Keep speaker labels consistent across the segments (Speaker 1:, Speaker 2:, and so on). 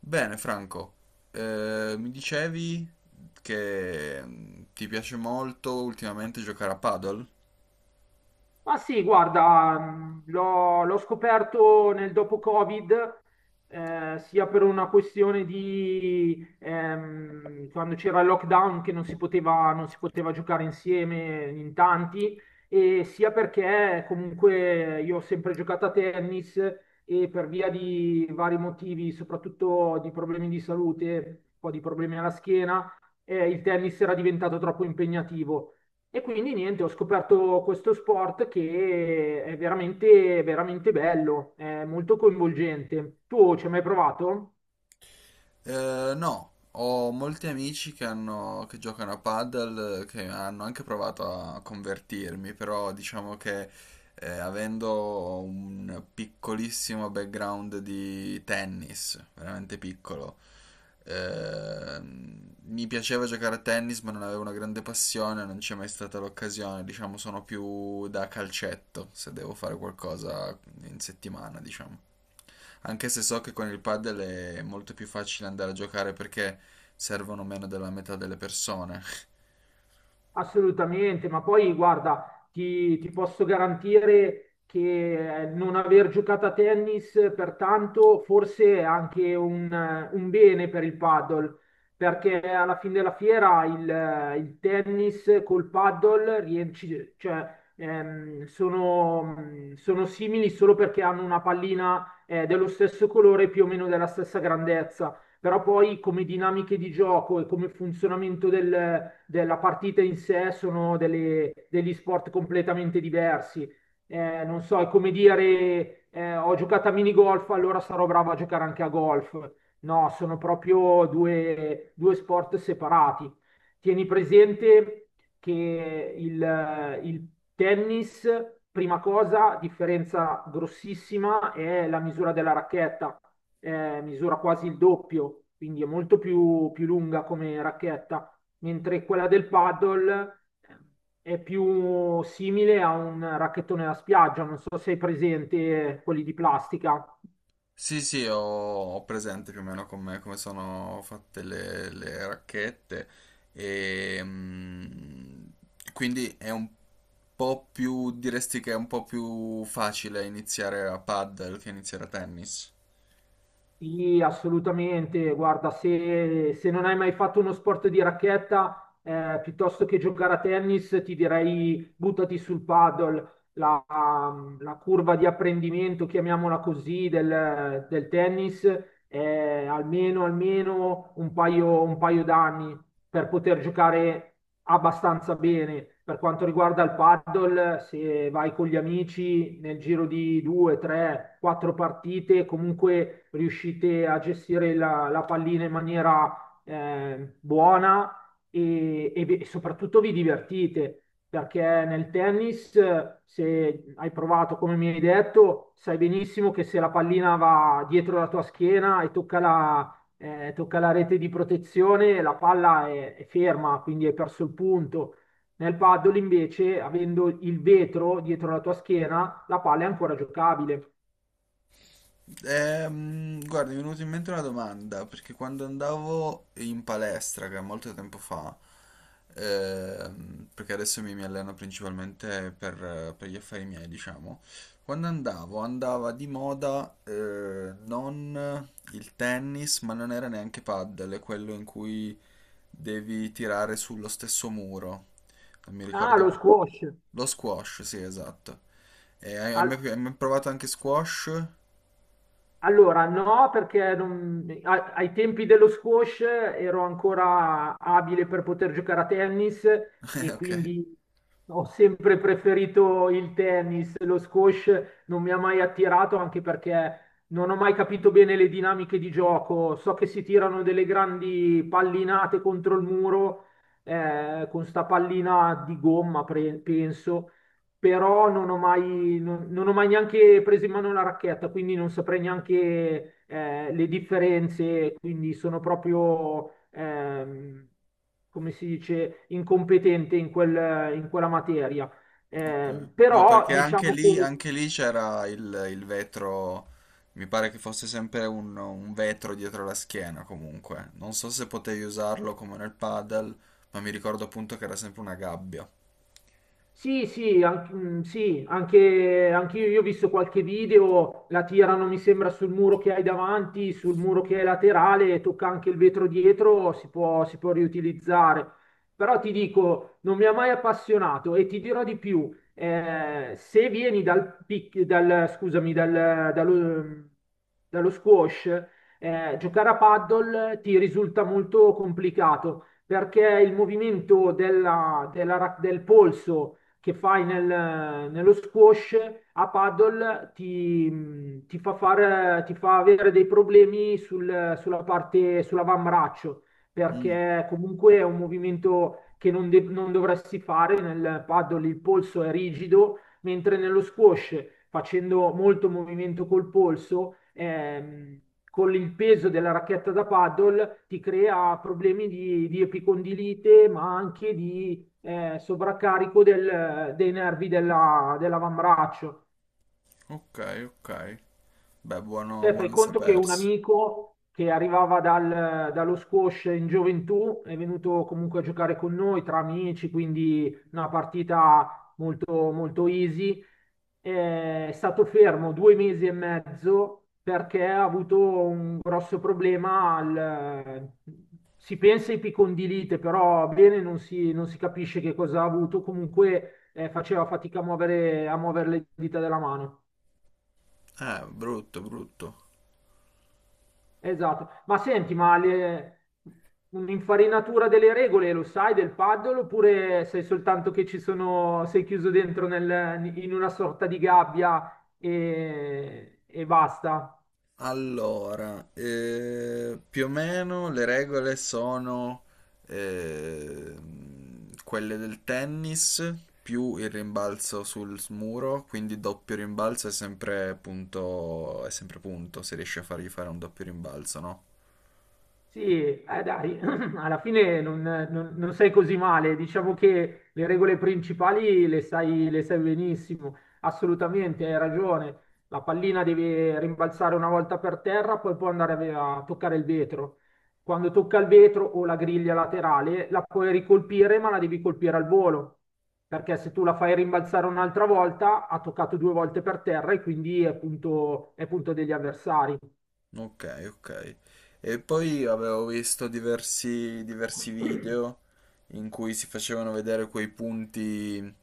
Speaker 1: Bene, Franco. Mi dicevi che ti piace molto ultimamente giocare a paddle?
Speaker 2: Ma sì, guarda, l'ho scoperto nel dopo-Covid, sia per una questione di quando c'era il lockdown che non si poteva giocare insieme in tanti, e sia perché comunque io ho sempre giocato a tennis e per via di vari motivi, soprattutto di problemi di salute, un po' di problemi alla schiena. Il tennis era diventato troppo impegnativo. E quindi niente, ho scoperto questo sport che è veramente, veramente bello, è molto coinvolgente. Tu ci hai mai provato?
Speaker 1: No, ho molti amici che giocano a paddle, che hanno anche provato a convertirmi, però diciamo che avendo un piccolissimo background di tennis, veramente piccolo. Mi piaceva giocare a tennis, ma non avevo una grande passione, non c'è mai stata l'occasione. Diciamo, sono più da calcetto se devo fare qualcosa in settimana, diciamo. Anche se so che con il padel è molto più facile andare a giocare perché servono meno della metà delle persone.
Speaker 2: Assolutamente, ma poi guarda, ti posso garantire che non aver giocato a tennis pertanto forse è anche un bene per il paddle, perché alla fine della fiera il tennis col paddle cioè, sono simili solo perché hanno una pallina dello stesso colore, più o meno della stessa grandezza. Però poi come dinamiche di gioco e come funzionamento della partita in sé sono degli sport completamente diversi. Non so, è come dire, ho giocato a minigolf, allora sarò bravo a giocare anche a golf. No, sono proprio due sport separati. Tieni presente che il tennis, prima cosa, differenza grossissima è la misura della racchetta. Misura quasi il doppio, quindi è molto più lunga come racchetta, mentre quella del paddle è più simile a un racchettone da spiaggia, non so se hai presente, quelli di plastica.
Speaker 1: Sì, sì, ho presente più o meno come sono fatte le racchette e quindi è un po' più, diresti che è un po' più facile iniziare a paddle che iniziare a tennis.
Speaker 2: Sì, assolutamente. Guarda, se non hai mai fatto uno sport di racchetta, piuttosto che giocare a tennis, ti direi buttati sul paddle. La curva di apprendimento, chiamiamola così, del tennis è almeno, almeno un paio d'anni per poter giocare abbastanza bene. Per quanto riguarda il paddle, se vai con gli amici nel giro di due, tre, quattro partite, comunque riuscite a gestire la pallina in maniera buona, e soprattutto vi divertite. Perché nel tennis, se hai provato come mi hai detto, sai benissimo che se la pallina va dietro la tua schiena e tocca la rete di protezione, la palla è ferma, quindi hai perso il punto. Nel paddle invece, avendo il vetro dietro la tua schiena, la palla è ancora giocabile.
Speaker 1: Guarda, mi è venuta in mente una domanda, perché quando andavo in palestra, che è molto tempo fa, perché adesso mi alleno principalmente per gli affari miei, diciamo. Quando andavo, andava di moda non il tennis, ma non era neanche paddle, è quello in cui devi tirare sullo stesso muro. Non mi
Speaker 2: Ah,
Speaker 1: ricordo.
Speaker 2: lo squash.
Speaker 1: Lo squash, sì, esatto. E hai hai
Speaker 2: Al-
Speaker 1: mai hai mai provato anche squash?
Speaker 2: Allora, no, perché ai tempi dello squash ero ancora abile per poter giocare a tennis e
Speaker 1: Ok.
Speaker 2: quindi ho sempre preferito il tennis. Lo squash non mi ha mai attirato, anche perché non ho mai capito bene le dinamiche di gioco. So che si tirano delle grandi pallinate contro il muro, con sta pallina di gomma, penso, però non ho mai neanche preso in mano la racchetta, quindi non saprei neanche, le differenze, quindi sono proprio, come si dice, incompetente in quella materia.
Speaker 1: No,
Speaker 2: Però
Speaker 1: perché
Speaker 2: diciamo che
Speaker 1: anche lì c'era il vetro, mi pare che fosse sempre un vetro dietro la schiena comunque. Non so se potevi usarlo come nel paddle, ma mi ricordo appunto che era sempre una gabbia.
Speaker 2: Sì, sì, sì, anche io, ho visto qualche video, la tirano, mi sembra, sul muro che hai davanti, sul muro che è laterale, tocca anche il vetro dietro, si può riutilizzare. Però ti dico, non mi ha mai appassionato, e ti dirò di più, se vieni scusami, dallo squash, giocare a paddle ti risulta molto complicato perché il movimento del polso che fai nello squash a paddle ti fa avere dei problemi sulla parte, sull'avambraccio,
Speaker 1: Mm,
Speaker 2: perché comunque è un movimento che non dovresti fare nel paddle, il polso è rigido, mentre nello squash, facendo molto movimento col polso, con il peso della racchetta da paddle ti crea problemi di epicondilite, ma anche di sovraccarico dei nervi dell'avambraccio.
Speaker 1: ok, ok. Beh, buono,
Speaker 2: Te fai
Speaker 1: buono a
Speaker 2: conto che un
Speaker 1: sapersi.
Speaker 2: amico che arrivava dallo squash in gioventù è venuto comunque a giocare con noi tra amici, quindi una partita molto, molto easy. È stato fermo 2 mesi e mezzo perché ha avuto un grosso problema al. Si pensa ai picondilite, però bene non si capisce che cosa ha avuto. Comunque, faceva fatica a muovere, le dita della mano.
Speaker 1: Brutto, brutto.
Speaker 2: Esatto, ma senti, un'infarinatura delle regole lo sai del paddle, oppure sei soltanto che ci sono, sei chiuso dentro in una sorta di gabbia, e basta?
Speaker 1: Allora, più o meno le regole sono eh, quelle del tennis più il rimbalzo sul muro, quindi doppio rimbalzo è sempre punto se riesci a fargli fare un doppio rimbalzo, no?
Speaker 2: Sì, dai, alla fine non sei così male, diciamo che le regole principali le sai benissimo, assolutamente, hai ragione, la pallina deve rimbalzare una volta per terra, poi può andare a toccare il vetro. Quando tocca il vetro o la griglia laterale, la puoi ricolpire, ma la devi colpire al volo, perché se tu la fai rimbalzare un'altra volta, ha toccato due volte per terra e quindi è punto degli avversari.
Speaker 1: Ok, ok. E poi avevo visto diversi video in cui si facevano vedere quei punti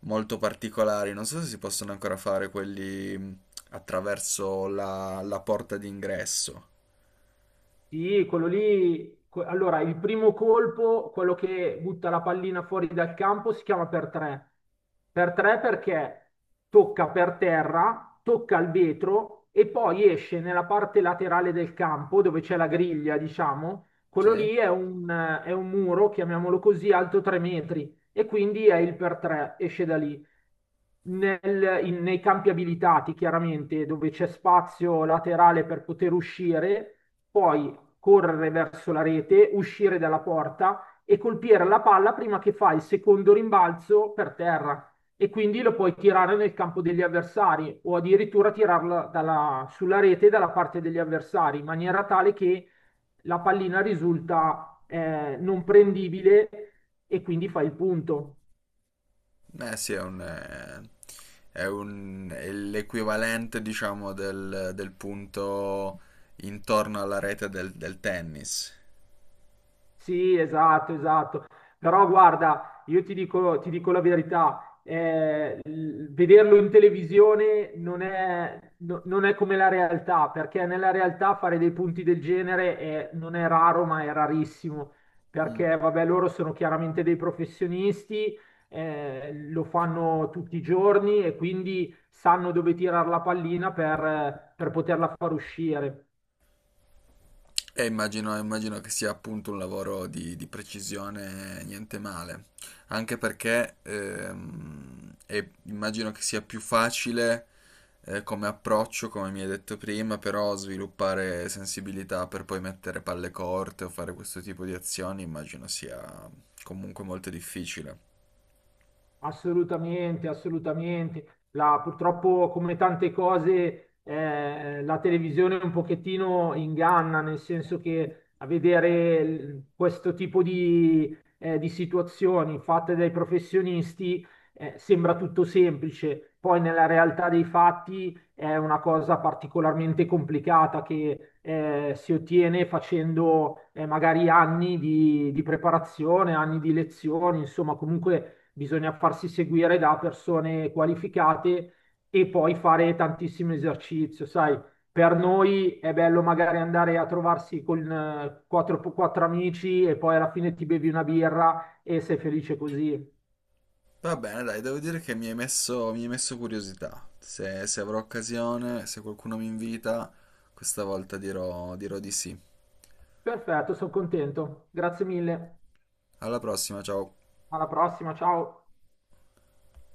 Speaker 1: molto particolari. Non so se si possono ancora fare quelli attraverso la porta d'ingresso.
Speaker 2: Sì, quello lì. Allora, il primo colpo, quello che butta la pallina fuori dal campo, si chiama per tre. Per tre perché tocca per terra, tocca il vetro e poi esce nella parte laterale del campo dove c'è la griglia, diciamo. Quello
Speaker 1: Sì?
Speaker 2: lì è un muro, chiamiamolo così, alto 3 metri, e quindi è il per tre, esce da lì. Nei campi abilitati, chiaramente, dove c'è spazio laterale per poter uscire. Poi correre verso la rete, uscire dalla porta e colpire la palla prima che fa il secondo rimbalzo per terra. E quindi lo puoi tirare nel campo degli avversari, o addirittura tirarla sulla rete dalla parte degli avversari, in maniera tale che la pallina risulta, non prendibile, e quindi fai il punto.
Speaker 1: Eh sì, è l'equivalente, diciamo, del punto intorno alla rete del tennis.
Speaker 2: Sì, esatto, esatto. Però guarda, io ti dico la verità, vederlo in televisione non è come la realtà, perché nella realtà fare dei punti del genere non è raro, ma è rarissimo, perché vabbè, loro sono chiaramente dei professionisti, lo fanno tutti i giorni e quindi sanno dove tirare la pallina per poterla far uscire.
Speaker 1: E immagino che sia appunto un lavoro di precisione, niente male, anche perché e immagino che sia più facile come approccio, come mi hai detto prima, però sviluppare sensibilità per poi mettere palle corte o fare questo tipo di azioni, immagino sia comunque molto difficile.
Speaker 2: Assolutamente, assolutamente. Purtroppo, come tante cose, la televisione un pochettino inganna, nel senso che a vedere questo tipo di situazioni fatte dai professionisti, sembra tutto semplice. Poi nella realtà dei fatti è una cosa particolarmente complicata che, si ottiene facendo, magari anni di preparazione, anni di lezioni, insomma, comunque bisogna farsi seguire da persone qualificate e poi fare tantissimo esercizio, sai. Per noi è bello magari andare a trovarsi con, quattro amici, e poi alla fine ti bevi una birra e sei felice così.
Speaker 1: Va bene, dai, devo dire che mi hai messo curiosità. Se avrò occasione, se qualcuno mi invita, questa volta dirò di sì.
Speaker 2: Perfetto, sono contento. Grazie mille.
Speaker 1: Alla prossima, ciao!
Speaker 2: Alla prossima, ciao.